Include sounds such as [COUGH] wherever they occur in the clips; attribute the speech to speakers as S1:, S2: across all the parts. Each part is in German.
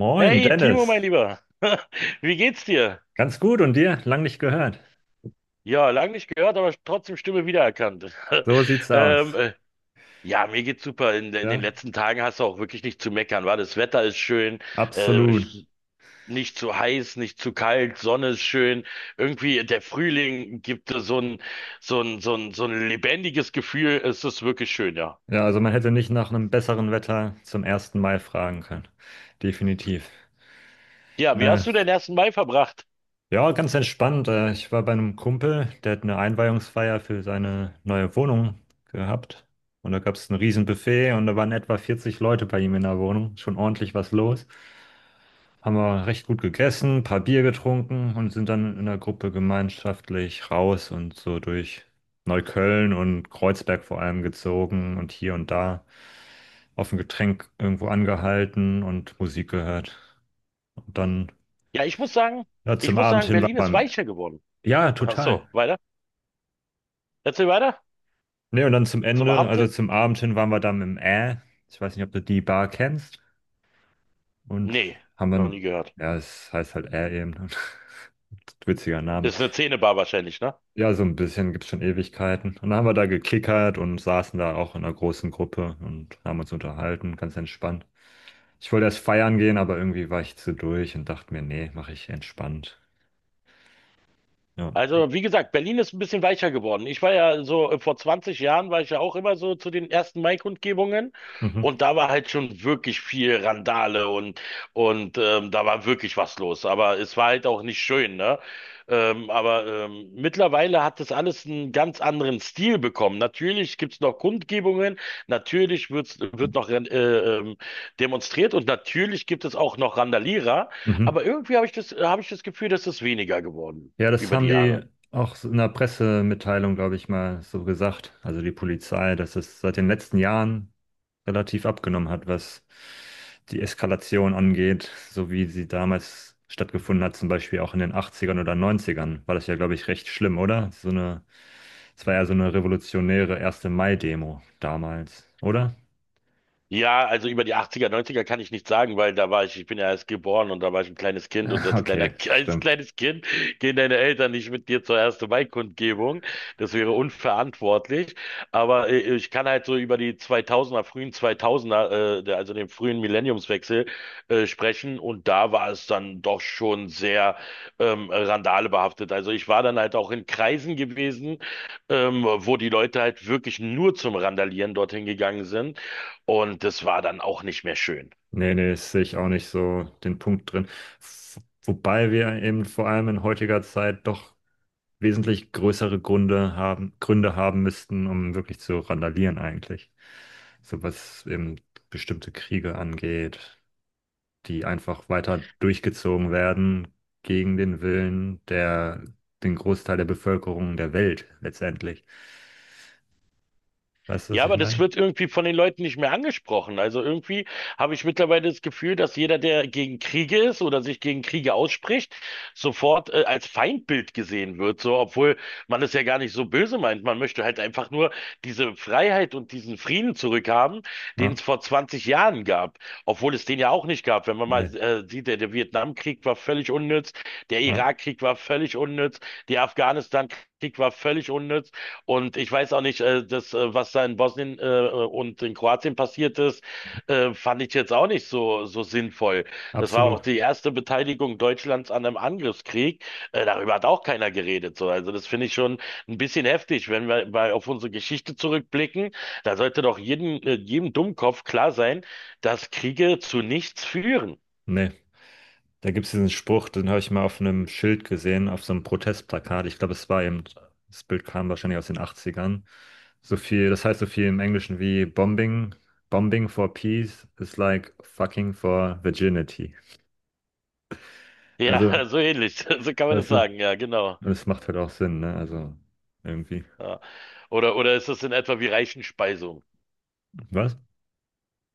S1: Moin,
S2: Hey Timo, mein
S1: Dennis.
S2: Lieber, [LAUGHS] wie geht's dir?
S1: Ganz gut und dir? Lang nicht gehört.
S2: Ja, lang nicht gehört, aber trotzdem Stimme wiedererkannt. [LAUGHS]
S1: So sieht's
S2: Ähm,
S1: aus.
S2: äh, ja, mir geht's super. In den
S1: Ja,
S2: letzten Tagen hast du auch wirklich nicht zu meckern, war? Das Wetter ist schön, äh,
S1: absolut.
S2: nicht zu heiß, nicht zu kalt, Sonne ist schön. Irgendwie der Frühling gibt dir so ein lebendiges Gefühl. Es ist wirklich schön, ja.
S1: Ja, also man hätte nicht nach einem besseren Wetter zum ersten Mai fragen können. Definitiv.
S2: Ja, wie
S1: Äh,
S2: hast du den ersten Mai verbracht?
S1: ja, ganz entspannt. Ich war bei einem Kumpel, der hat eine Einweihungsfeier für seine neue Wohnung gehabt. Und da gab es ein Riesenbuffet und da waren etwa 40 Leute bei ihm in der Wohnung. Schon ordentlich was los. Haben wir recht gut gegessen, ein paar Bier getrunken und sind dann in der Gruppe gemeinschaftlich raus und so durch Neukölln und Kreuzberg vor allem gezogen und hier und da auf ein Getränk irgendwo angehalten und Musik gehört. Und dann
S2: Ja, ich muss sagen,
S1: ja,
S2: ich
S1: zum
S2: muss
S1: Abend
S2: sagen,
S1: hin
S2: Berlin ist
S1: waren wir im,
S2: weicher geworden.
S1: Ja,
S2: Ach
S1: total.
S2: so, weiter? Erzähl weiter
S1: Nee, und dann zum
S2: zum
S1: Ende,
S2: Abend
S1: also
S2: hin.
S1: zum Abend hin waren wir dann im. Ich weiß nicht, ob du die Bar kennst. Und
S2: Nee,
S1: haben
S2: noch nie
S1: dann,
S2: gehört.
S1: ja, es heißt halt eben. [LAUGHS] Witziger Name.
S2: Ist eine Zähnebar wahrscheinlich, ne?
S1: Ja, so ein bisschen, gibt's schon Ewigkeiten. Und dann haben wir da gekickert und saßen da auch in einer großen Gruppe und haben uns unterhalten, ganz entspannt. Ich wollte erst feiern gehen, aber irgendwie war ich zu durch und dachte mir, nee, mache ich entspannt. Ja.
S2: Also, wie gesagt, Berlin ist ein bisschen weicher geworden. Ich war ja so, vor 20 Jahren war ich ja auch immer so zu den ersten Mai-Kundgebungen
S1: Mhm.
S2: und da war halt schon wirklich viel Randale und da war wirklich was los. Aber es war halt auch nicht schön, ne? Aber mittlerweile hat das alles einen ganz anderen Stil bekommen. Natürlich gibt es noch Kundgebungen, natürlich wird noch demonstriert und natürlich gibt es auch noch Randalierer,
S1: Mhm.
S2: aber irgendwie habe ich das Gefühl, dass es weniger geworden
S1: Ja, das
S2: über die
S1: haben die
S2: Jahre.
S1: auch so in der Pressemitteilung, glaube ich, mal so gesagt. Also die Polizei, dass es seit den letzten Jahren relativ abgenommen hat, was die Eskalation angeht, so wie sie damals stattgefunden hat, zum Beispiel auch in den 80ern oder 90ern, war das ja, glaube ich, recht schlimm, oder? Es war ja so eine revolutionäre 1. Mai-Demo damals, oder?
S2: Ja, also über die 80er, 90er kann ich nichts sagen, weil ich bin ja erst geboren und da war ich ein kleines Kind und
S1: [LAUGHS] Okay,
S2: [LAUGHS] als
S1: stimmt.
S2: kleines Kind gehen deine Eltern nicht mit dir zur ersten Mai-Kundgebung. Das wäre unverantwortlich. Aber ich kann halt so über die 2000er, frühen 2000er, also den frühen Millenniumswechsel, sprechen und da war es dann doch schon sehr randalebehaftet. Also ich war dann halt auch in Kreisen gewesen, wo die Leute halt wirklich nur zum Randalieren dorthin gegangen sind. Und das war dann auch nicht mehr schön.
S1: Nee, nee, das sehe ich auch nicht so den Punkt drin. F- Wobei wir eben vor allem in heutiger Zeit doch wesentlich größere Gründe haben, müssten, um wirklich zu randalieren eigentlich. So was eben bestimmte Kriege angeht, die einfach weiter durchgezogen werden gegen den Willen der, den Großteil der Bevölkerung der Welt letztendlich. Weißt du, was
S2: Ja,
S1: ich
S2: aber das
S1: meine?
S2: wird irgendwie von den Leuten nicht mehr angesprochen. Also irgendwie habe ich mittlerweile das Gefühl, dass jeder, der gegen Kriege ist oder sich gegen Kriege ausspricht, sofort als Feindbild gesehen wird. So, obwohl man es ja gar nicht so böse meint. Man möchte halt einfach nur diese Freiheit und diesen Frieden zurückhaben, den
S1: Ja,
S2: es vor 20 Jahren gab. Obwohl es den ja auch nicht gab. Wenn man mal
S1: nee,
S2: sieht, der Vietnamkrieg war völlig unnütz. Der
S1: ja,
S2: Irakkrieg war völlig unnütz, die Afghanistan-Krieg war völlig unnütz und ich weiß auch nicht, was da in Bosnien und in Kroatien passiert ist, fand ich jetzt auch nicht so, so sinnvoll. Das war
S1: absolut.
S2: auch die erste Beteiligung Deutschlands an einem Angriffskrieg. Darüber hat auch keiner geredet. So. Also das finde ich schon ein bisschen heftig, wenn wir mal auf unsere Geschichte zurückblicken. Da sollte doch jedem Dummkopf klar sein, dass Kriege zu nichts führen.
S1: Nee. Da gibt es diesen Spruch, den habe ich mal auf einem Schild gesehen, auf so einem Protestplakat. Ich glaube, es war eben, das Bild kam wahrscheinlich aus den Achtzigern. So viel, das heißt so viel im Englischen wie Bombing, Bombing for Peace is like fucking for virginity.
S2: Ja,
S1: Also,
S2: [LAUGHS] so ähnlich. [LAUGHS] So kann man das
S1: weißt du,
S2: sagen. Ja, genau.
S1: das macht halt auch Sinn, ne? Also, irgendwie.
S2: Ja. Oder ist das in etwa wie Reichenspeisung?
S1: Was?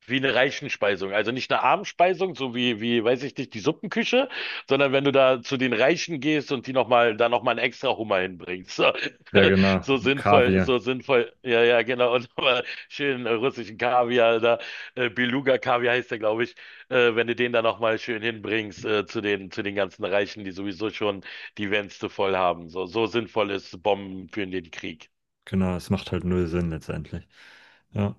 S2: Wie eine Reichenspeisung. Also nicht eine Abendspeisung, weiß ich nicht, die Suppenküche, sondern wenn du da zu den Reichen gehst und da nochmal einen extra Hummer hinbringst. So,
S1: Ja,
S2: [LAUGHS]
S1: genau.
S2: so
S1: Und
S2: sinnvoll,
S1: Kaviar.
S2: so sinnvoll. Ja, ja, genau. Und nochmal schön russischen Kaviar, da, Beluga-Kaviar heißt der, glaube ich. Wenn du den da nochmal schön hinbringst, zu den ganzen Reichen, die sowieso schon die Wänste voll haben. So, so sinnvoll ist Bomben für den Krieg.
S1: Genau, es macht halt null Sinn letztendlich. Ja.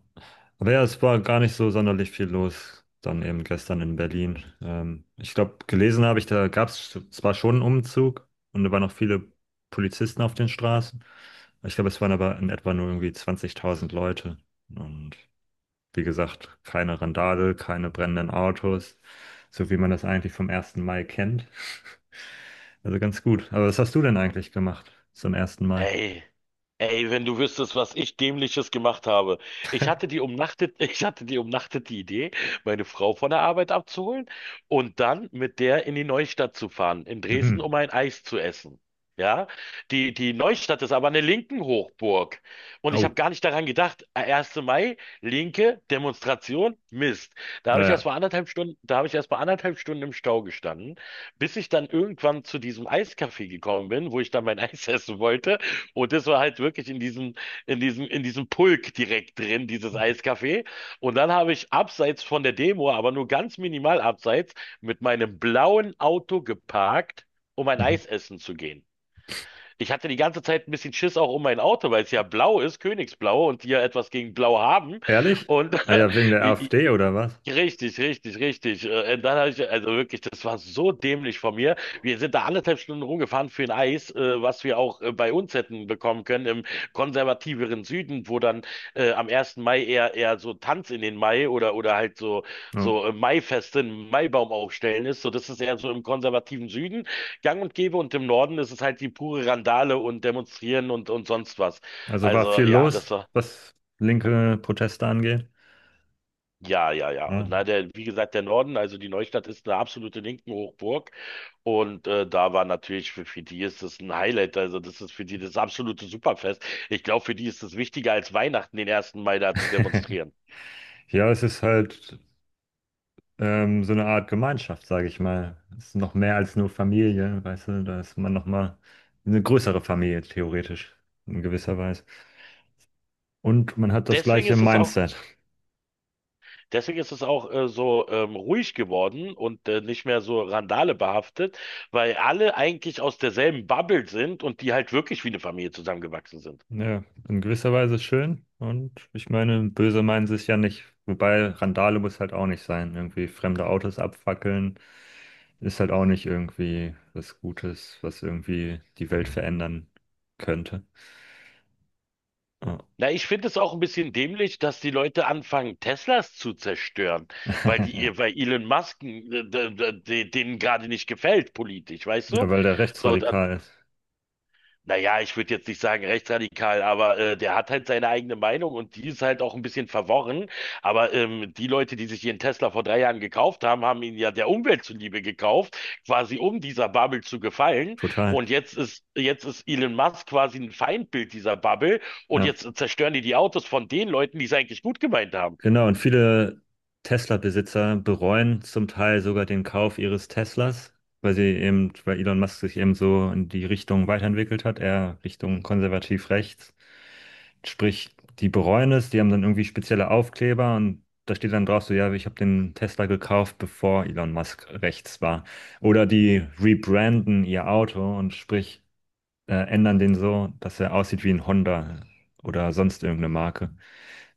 S1: Aber ja, es war gar nicht so sonderlich viel los, dann eben gestern in Berlin. Ich glaube, gelesen habe ich, da gab es zwar schon einen Umzug und da waren noch viele Polizisten auf den Straßen. Ich glaube, es waren aber in etwa nur irgendwie 20.000 Leute. Und wie gesagt, keine Randale, keine brennenden Autos, so wie man das eigentlich vom ersten Mai kennt. [LAUGHS] Also ganz gut. Aber was hast du denn eigentlich gemacht zum ersten Mai?
S2: Ey, ey, wenn du wüsstest, was ich Dämliches gemacht habe. Ich hatte die umnachtet, [LAUGHS] ich hatte die umnachtete Idee, meine Frau von der Arbeit abzuholen und dann mit der in die Neustadt zu fahren, in Dresden,
S1: Mhm.
S2: um ein Eis zu essen. Ja, die Neustadt ist aber eine linken Hochburg. Und ich
S1: Oh,
S2: habe gar nicht daran gedacht, 1. Mai, linke Demonstration, Mist.
S1: naja.
S2: Da habe ich erst mal anderthalb Stunden im Stau gestanden, bis ich dann irgendwann zu diesem Eiscafé gekommen bin, wo ich dann mein [LAUGHS] Eis essen wollte. Und das war halt wirklich in diesem Pulk direkt drin, dieses Eiscafé. Und dann habe ich abseits von der Demo, aber nur ganz minimal abseits, mit meinem blauen Auto geparkt, um ein
S1: Mhm.
S2: Eis essen zu gehen. Ich hatte die ganze Zeit ein bisschen Schiss auch um mein Auto, weil es ja blau ist, Königsblau, und die ja etwas gegen Blau haben.
S1: Ehrlich?
S2: Und
S1: Ah
S2: [LAUGHS]
S1: ja, wegen der AfD oder was?
S2: richtig, richtig, richtig. Und dann habe ich, also wirklich, das war so dämlich von mir. Wir sind da anderthalb Stunden rumgefahren für ein Eis, was wir auch bei uns hätten bekommen können im konservativeren Süden, wo dann am ersten Mai eher so Tanz in den Mai oder halt so
S1: Ja.
S2: so äh, Maifeste, einen Maibaum aufstellen ist. So, das ist eher so im konservativen Süden gang und gäbe und im Norden ist es halt die pure Randale und Demonstrieren und sonst was.
S1: Also war
S2: Also
S1: viel
S2: ja, das
S1: los,
S2: war
S1: was linke Proteste angeht.
S2: ja, ja, ja. Und
S1: Ja,
S2: na, der, wie gesagt, der Norden, also die Neustadt ist eine absolute linken Hochburg. Und da war natürlich, für die ist das ein Highlight. Also das ist für die das absolute Superfest. Ich glaube, für die ist es wichtiger als Weihnachten, den ersten Mai da zu
S1: [LAUGHS]
S2: demonstrieren.
S1: ja, es ist halt so eine Art Gemeinschaft, sage ich mal. Es ist noch mehr als nur Familie, weißt du, da ist man nochmal eine größere Familie, theoretisch, in gewisser Weise. Und man hat das
S2: Deswegen
S1: gleiche
S2: ist es auch,
S1: Mindset.
S2: deswegen ist es auch so ruhig geworden und nicht mehr so Randale behaftet, weil alle eigentlich aus derselben Bubble sind und die halt wirklich wie eine Familie zusammengewachsen sind.
S1: Ja, in gewisser Weise schön. Und ich meine, böse meinen sie es ja nicht. Wobei Randale muss halt auch nicht sein. Irgendwie fremde Autos abfackeln ist halt auch nicht irgendwie was Gutes, was irgendwie die Welt verändern könnte. Ja,
S2: Na, ich finde es auch ein bisschen dämlich, dass die Leute anfangen, Teslas zu zerstören, weil
S1: [LAUGHS]
S2: die,
S1: ja,
S2: ihr- weil Elon Musk denen gerade nicht gefällt politisch, weißt du?
S1: weil der
S2: So,
S1: rechtsradikal ist.
S2: naja, ich würde jetzt nicht sagen rechtsradikal, aber der hat halt seine eigene Meinung und die ist halt auch ein bisschen verworren. Aber die Leute, die sich ihren Tesla vor 3 Jahren gekauft haben, haben ihn ja der Umwelt zuliebe gekauft, quasi um dieser Bubble zu gefallen.
S1: Total.
S2: Und jetzt ist Elon Musk quasi ein Feindbild dieser Bubble und
S1: Ja.
S2: jetzt zerstören die die Autos von den Leuten, die es eigentlich gut gemeint haben.
S1: Genau, und viele Tesla-Besitzer bereuen zum Teil sogar den Kauf ihres Teslas, weil weil Elon Musk sich eben so in die Richtung weiterentwickelt hat, eher Richtung konservativ rechts. Sprich, die bereuen es, die haben dann irgendwie spezielle Aufkleber und da steht dann drauf so: ja, ich habe den Tesla gekauft, bevor Elon Musk rechts war. Oder die rebranden ihr Auto und sprich, ändern den so, dass er aussieht wie ein Honda oder sonst irgendeine Marke.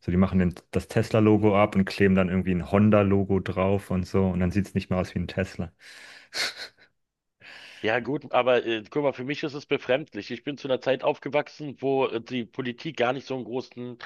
S1: So, die machen den, das Tesla-Logo ab und kleben dann irgendwie ein Honda-Logo drauf und so. Und dann sieht es nicht mehr aus wie ein Tesla. [LAUGHS]
S2: Ja gut, aber guck mal, für mich ist es befremdlich. Ich bin zu einer Zeit aufgewachsen, wo die Politik gar nicht so einen großen,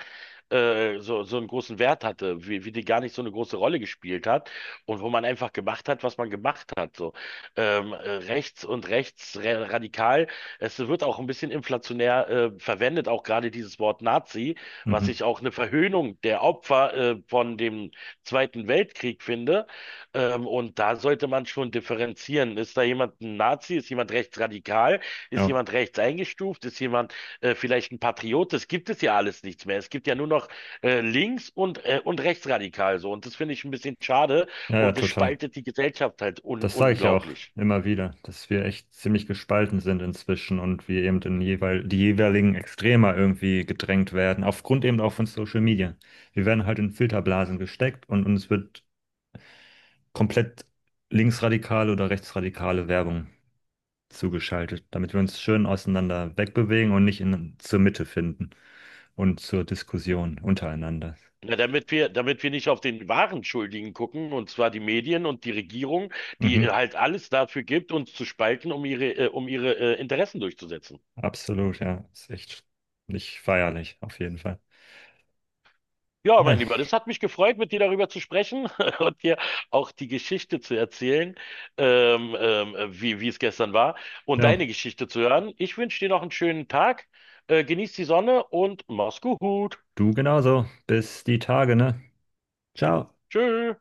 S2: so einen großen Wert hatte, wie die gar nicht so eine große Rolle gespielt hat und wo man einfach gemacht hat, was man gemacht hat. So rechts und radikal. Es wird auch ein bisschen inflationär verwendet, auch gerade dieses Wort Nazi, was
S1: Mhm.
S2: ich auch eine Verhöhnung der Opfer von dem Zweiten Weltkrieg finde, und da sollte man schon differenzieren. Ist da jemand ein Nazi? Ist jemand rechtsradikal? Ist
S1: Ja.
S2: jemand rechts eingestuft? Ist jemand vielleicht ein Patriot? Das gibt es ja alles nichts mehr. Es gibt ja nur noch links und und rechtsradikal so. Und das finde ich ein bisschen schade.
S1: Ja, ja,
S2: Und das
S1: total.
S2: spaltet die Gesellschaft halt un
S1: Das sage ich ja auch
S2: unglaublich.
S1: immer wieder, dass wir echt ziemlich gespalten sind inzwischen und wir eben in jeweil, die jeweiligen Extremer irgendwie gedrängt werden, aufgrund eben auch von Social Media. Wir werden halt in Filterblasen gesteckt und uns wird komplett linksradikale oder rechtsradikale Werbung zugeschaltet, damit wir uns schön auseinander wegbewegen und nicht in, zur Mitte finden und zur Diskussion untereinander.
S2: Na, damit wir nicht auf den wahren Schuldigen gucken, und zwar die Medien und die Regierung, die
S1: Mhm,
S2: halt alles dafür gibt, uns zu spalten, um ihre Interessen durchzusetzen.
S1: absolut, ja. Ist echt nicht feierlich, auf jeden Fall.
S2: Ja,
S1: Ja,
S2: mein Lieber, das hat mich gefreut, mit dir darüber zu sprechen [LAUGHS] und dir auch die Geschichte zu erzählen, wie es gestern war und deine
S1: ja,
S2: Geschichte zu hören. Ich wünsche dir noch einen schönen Tag, genieß die Sonne und mach's gut.
S1: du genauso. Bis die Tage, ne? Ciao.
S2: Tschö.